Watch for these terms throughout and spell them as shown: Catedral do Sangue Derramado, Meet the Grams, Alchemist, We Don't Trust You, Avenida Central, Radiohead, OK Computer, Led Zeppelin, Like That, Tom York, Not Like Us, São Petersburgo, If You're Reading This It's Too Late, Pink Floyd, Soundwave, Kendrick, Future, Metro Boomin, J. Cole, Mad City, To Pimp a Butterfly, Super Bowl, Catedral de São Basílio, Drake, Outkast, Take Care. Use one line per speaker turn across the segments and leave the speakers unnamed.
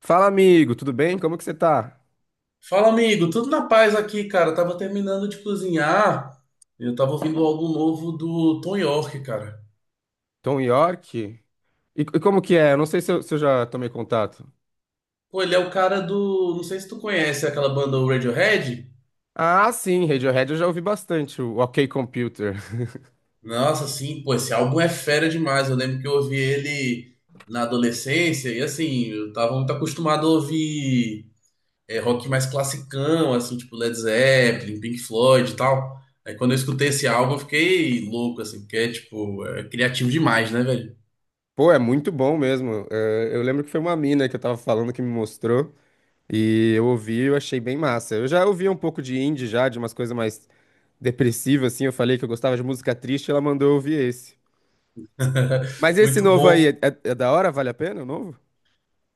Fala, amigo, tudo bem? Como que você tá?
Fala, amigo, tudo na paz aqui, cara. Eu tava terminando de cozinhar. Eu tava ouvindo algo novo do Tom York, cara.
Tom York? E como que é? Eu não sei se eu já tomei contato.
Pô, ele é o cara do. Não sei se tu conhece aquela banda o Radiohead.
Ah, sim, Radiohead eu já ouvi bastante, o OK Computer.
Nossa, sim, pô, esse álbum é fera demais. Eu lembro que eu ouvi ele na adolescência e assim, eu tava muito acostumado a ouvir rock mais classicão, assim, tipo Led Zeppelin, Pink Floyd e tal. Aí quando eu escutei esse álbum, eu fiquei louco, assim, porque é tipo, é criativo demais, né, velho?
Pô, é muito bom mesmo. É, eu lembro que foi uma mina que eu tava falando que me mostrou, e eu ouvi e eu achei bem massa. Eu já ouvia um pouco de indie já, de umas coisas mais depressivas, assim, eu falei que eu gostava de música triste, ela mandou eu ouvir esse. Mas esse
Muito
novo aí,
bom.
é da hora? Vale a pena o novo?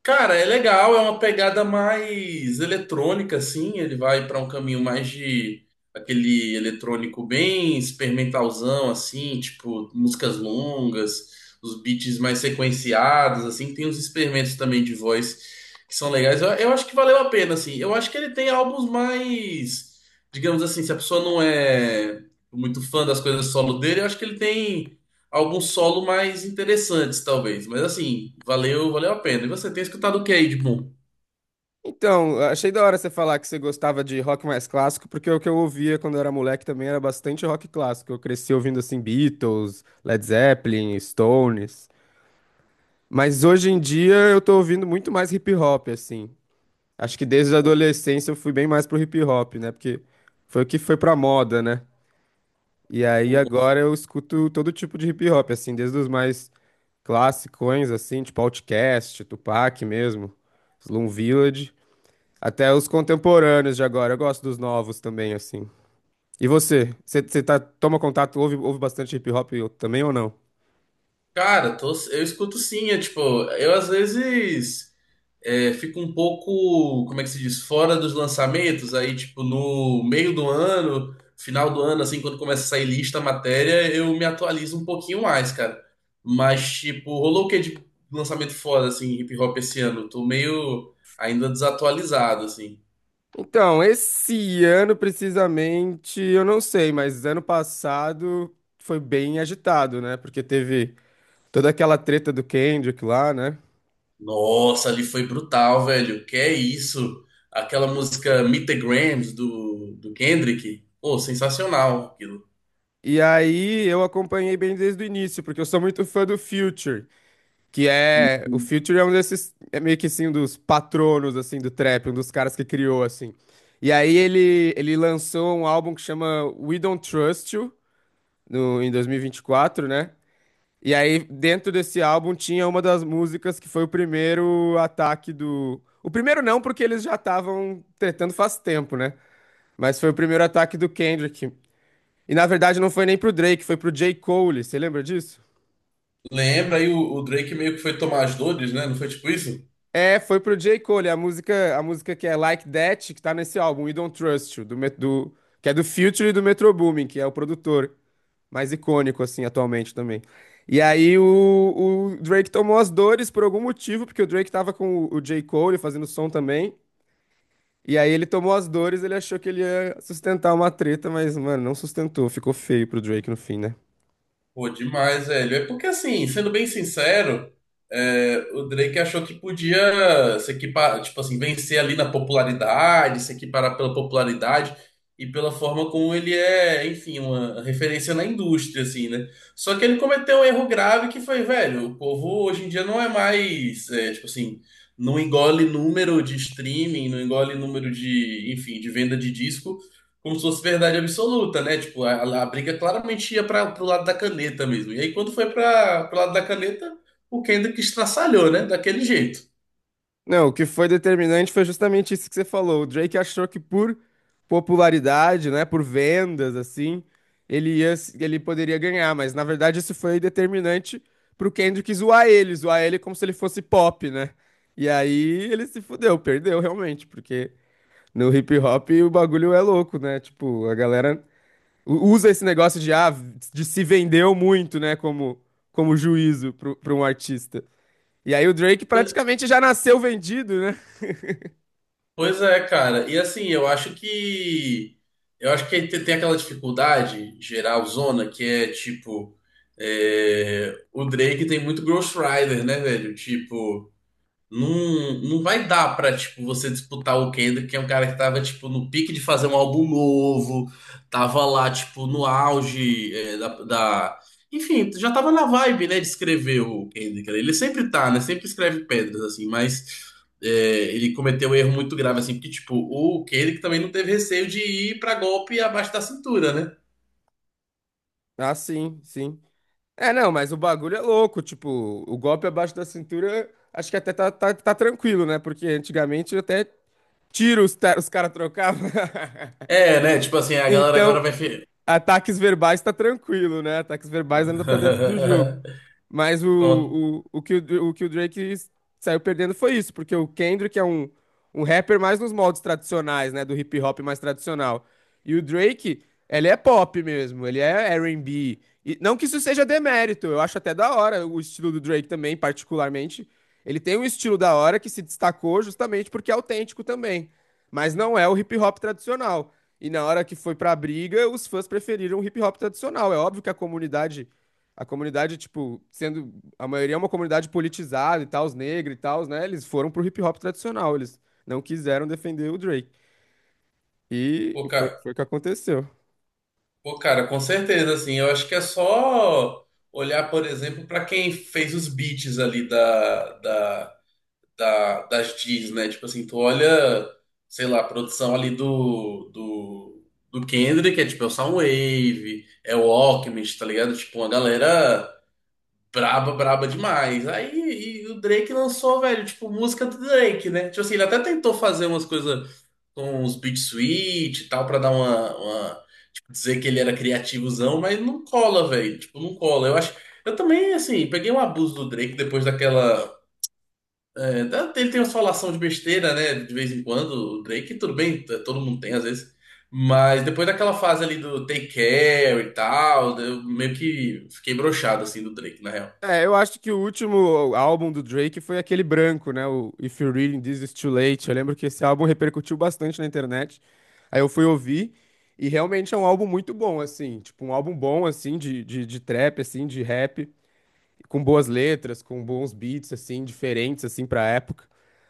Cara, é legal, é uma pegada mais eletrônica, assim. Ele vai para um caminho mais de aquele eletrônico bem experimentalzão, assim, tipo músicas longas, os beats mais sequenciados, assim. Tem uns experimentos também de voz que são legais. Eu acho que valeu a pena, assim. Eu acho que ele tem álbuns mais, digamos assim, se a pessoa não é muito fã das coisas solo dele, eu acho que ele tem alguns solo mais interessantes, talvez. Mas assim, valeu, valeu a pena. E você tem escutado o que aí de bom?
Então, achei da hora você falar que você gostava de rock mais clássico, porque o que eu ouvia quando eu era moleque também era bastante rock clássico. Eu cresci ouvindo assim Beatles, Led Zeppelin, Stones. Mas hoje em dia eu tô ouvindo muito mais hip hop, assim. Acho que desde a
O-
adolescência eu fui bem mais pro hip hop, né? Porque foi o que foi pra moda, né? E aí
o-
agora eu escuto todo tipo de hip hop, assim, desde os mais classicões, assim, tipo Outkast, Tupac mesmo, Slum Village. Até os contemporâneos de agora. Eu gosto dos novos também, assim. E você? Você tá, toma contato, ouve, ouve bastante hip hop também ou não?
Cara, eu escuto sim, é tipo, eu às vezes fico um pouco, como é que se diz, fora dos lançamentos, aí tipo, no meio do ano, final do ano, assim, quando começa a sair lista, matéria, eu me atualizo um pouquinho mais, cara. Mas, tipo, rolou o que de lançamento foda, assim, hip hop esse ano? Tô meio ainda desatualizado, assim.
Então, esse ano precisamente, eu não sei, mas ano passado foi bem agitado, né? Porque teve toda aquela treta do Kendrick lá, né?
Nossa, ali foi brutal, velho. Que é isso? Aquela música Meet the Grams do Kendrick. Pô, sensacional aquilo.
E aí eu acompanhei bem desde o início, porque eu sou muito fã do Future. Que é. O Future é um desses. É meio que assim, um dos patronos, assim, do trap, um dos caras que criou, assim. E aí ele lançou um álbum que chama We Don't Trust You, no, em 2024, né? E aí, dentro desse álbum, tinha uma das músicas que foi o primeiro ataque do. O primeiro não, porque eles já estavam tretando faz tempo, né? Mas foi o primeiro ataque do Kendrick. E na verdade não foi nem pro Drake, foi pro J. Cole. Você lembra disso?
Lembra aí o Drake meio que foi tomar as dores, né? Não foi tipo isso?
É, foi pro J. Cole, a música que é Like That, que tá nesse álbum, We Don't Trust You, que é do Future e do Metro Boomin, que é o produtor mais icônico, assim, atualmente também. E aí o Drake tomou as dores por algum motivo, porque o Drake tava com o J. Cole fazendo som também, e aí ele tomou as dores, ele achou que ele ia sustentar uma treta, mas, mano, não sustentou, ficou feio pro Drake no fim, né?
Pô, demais, velho. É porque, assim, sendo bem sincero, o Drake achou que podia se equipar, tipo assim, vencer ali na popularidade, se equiparar pela popularidade e pela forma como ele é, enfim, uma referência na indústria, assim, né? Só que ele cometeu um erro grave que foi, velho, o povo hoje em dia não é mais, é, tipo assim, não engole número de streaming, não engole número de, enfim, de venda de disco como se fosse verdade absoluta, né? Tipo, a briga claramente ia para pro lado da caneta mesmo. E aí, quando foi para pro lado da caneta, o Kendrick estraçalhou, né? Daquele jeito.
Não, o que foi determinante foi justamente isso que você falou. O Drake achou que por popularidade, né, por vendas, assim, ele ia, ele poderia ganhar, mas na verdade isso foi determinante pro Kendrick zoar ele como se ele fosse pop, né? E aí ele se fudeu, perdeu realmente, porque no hip hop o bagulho é louco, né? Tipo, a galera usa esse negócio de, ah, de se vendeu muito, né, como, como juízo pra um artista. E aí o Drake praticamente já nasceu vendido, né?
Pois é, cara. E assim, Eu acho que tem aquela dificuldade geral zona que é tipo. O Drake tem muito Ghost Rider, né, velho? Tipo. Não, vai dar pra, tipo, você disputar o Kendrick, que é um cara que tava, tipo, no pique de fazer um álbum novo, tava lá, tipo, no auge Enfim, já tava na vibe, né, de escrever o Kendrick. Ele sempre tá, né, sempre escreve pedras, assim, mas é, ele cometeu um erro muito grave, assim, porque, tipo, o Kendrick também não teve receio de ir pra golpe abaixo da cintura, né?
Ah, sim, sim. É, não, mas o bagulho é louco, tipo, o golpe abaixo da cintura, acho que até tá tranquilo, né? Porque antigamente até tiro os caras trocavam.
É, né, tipo assim, a galera agora
Então,
vai...
ataques verbais tá tranquilo, né? Ataques verbais ainda tá dentro do jogo. Mas
Com
o que o Drake saiu perdendo foi isso, porque o Kendrick é um rapper mais nos moldes tradicionais, né? Do hip hop mais tradicional. E o Drake, ele é pop mesmo, ele é R&B. E B. E não que isso seja demérito, eu acho até da hora o estilo do Drake também, particularmente. Ele tem um estilo da hora que se destacou justamente porque é autêntico também, mas não é o hip hop tradicional. E na hora que foi pra briga, os fãs preferiram o hip hop tradicional. É óbvio que a comunidade, tipo, sendo a maioria é uma comunidade politizada e tal, os negros e tal, né? Eles foram pro hip hop tradicional, eles não quiseram defender o Drake. E
pouca-
foi o que aconteceu.
Pô, cara, com certeza, assim, eu acho que é só olhar, por exemplo, para quem fez os beats ali das Gs, né? Tipo assim, tu olha, sei lá, a produção ali do Kendrick, é tipo, é o Soundwave, é o Alchemist, tá ligado? Tipo, uma galera braba, braba demais. Aí, e o Drake lançou, velho, tipo, música do Drake, né? Tipo assim, ele até tentou fazer umas coisas com os beat switch e tal, pra dar uma... dizer que ele era criativozão, mas não cola, velho. Tipo, não cola. Eu acho. Eu também, assim, peguei um abuso do Drake depois daquela. Ele tem umas falação de besteira, né? De vez em quando. O Drake, tudo bem, todo mundo tem às vezes. Mas depois daquela fase ali do Take Care e tal, eu meio que fiquei broxado, assim, do Drake, na real.
É, eu acho que o último álbum do Drake foi aquele branco, né? O If You're Reading This It's Too Late. Eu lembro que esse álbum repercutiu bastante na internet. Aí eu fui ouvir e realmente é um álbum muito bom, assim. Tipo, um álbum bom, assim, de trap, assim, de rap. Com boas letras, com bons beats assim, diferentes assim para época.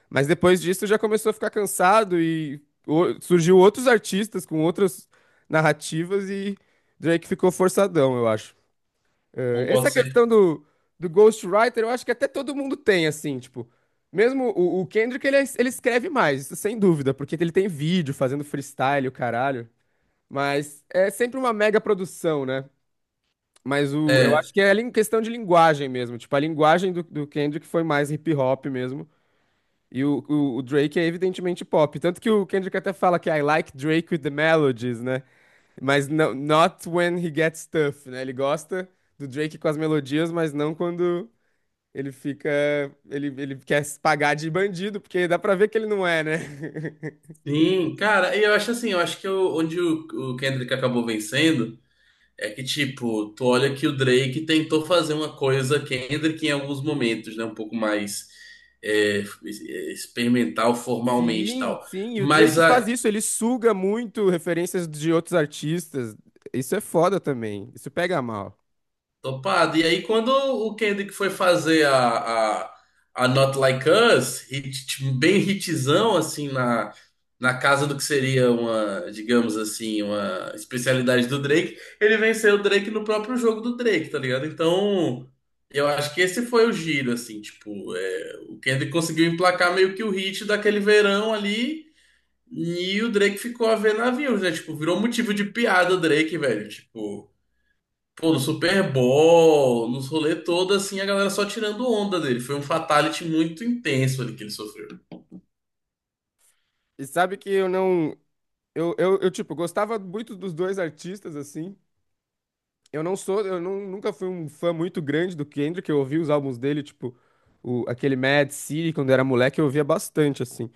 Mas depois disso já começou a ficar cansado e surgiu outros artistas com outras narrativas e Drake ficou forçadão, eu acho.
Concordo
Essa
sempre.
questão do ghostwriter, eu acho que até todo mundo tem, assim, tipo, mesmo o Kendrick, ele escreve mais, isso sem dúvida, porque ele tem vídeo fazendo freestyle, o caralho, mas é sempre uma mega produção, né? Mas o, eu
É,
acho que é em questão de linguagem mesmo. Tipo, a linguagem do Kendrick foi mais hip hop mesmo. E o Drake é evidentemente pop. Tanto que o Kendrick até fala que I like Drake with the melodies, né? Mas não, not when he gets tough, né? Ele gosta do Drake com as melodias, mas não quando ele fica. Ele quer se pagar de bandido, porque dá pra ver que ele não é, né?
sim, cara, e eu acho assim, eu acho que o- onde o Kendrick acabou vencendo. É que, tipo, tu olha que o Drake tentou fazer uma coisa Kendrick em alguns momentos, né? Um pouco mais é, experimental, formalmente e
Sim,
tal.
sim. E o
Mas
Drake faz
a,
isso. Ele suga muito referências de outros artistas. Isso é foda também. Isso pega mal.
Topado. E aí, quando o Kendrick foi fazer a Not Like Us, bem hitzão, assim, na, na casa do que seria uma, digamos assim, uma especialidade do Drake, ele venceu o Drake no próprio jogo do Drake, tá ligado? Então, eu acho que esse foi o giro, assim, tipo, é, o Kendrick conseguiu emplacar meio que o hit daquele verão ali, e o Drake ficou a ver navios, né? Tipo, virou motivo de piada o Drake, velho, tipo... Pô, no Super Bowl, nos rolê todo, assim, a galera só tirando onda dele. Foi um fatality muito intenso ali que ele sofreu.
E sabe que eu não. Tipo, gostava muito dos dois artistas, assim. Eu não sou. Eu não, nunca fui um fã muito grande do Kendrick. Eu ouvi os álbuns dele, tipo, o, aquele Mad City, quando eu era moleque, eu ouvia bastante, assim.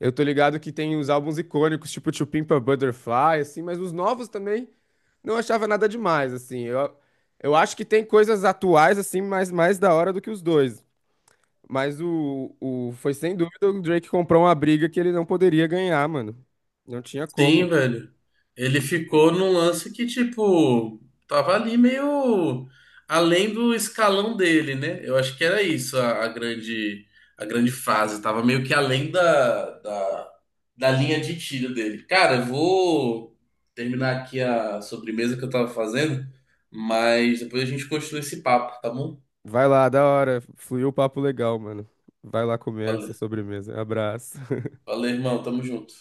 Eu tô ligado que tem os álbuns icônicos, tipo To Pimp a Butterfly, assim, mas os novos também não achava nada demais, assim. Eu acho que tem coisas atuais, assim, mais da hora do que os dois. Mas o. Foi sem dúvida o Drake comprou uma briga que ele não poderia ganhar, mano. Não tinha
Sim,
como.
velho. Ele ficou num lance que, tipo, tava ali meio além do escalão dele, né? Eu acho que era isso a grande frase. Tava meio que além da linha de tiro dele. Cara, eu vou terminar aqui a sobremesa que eu tava fazendo, mas depois a gente continua esse papo, tá bom?
Vai lá, da hora. Fluiu o papo legal, mano. Vai lá comer essa
Valeu.
sobremesa. Abraço.
Valeu, irmão. Tamo junto.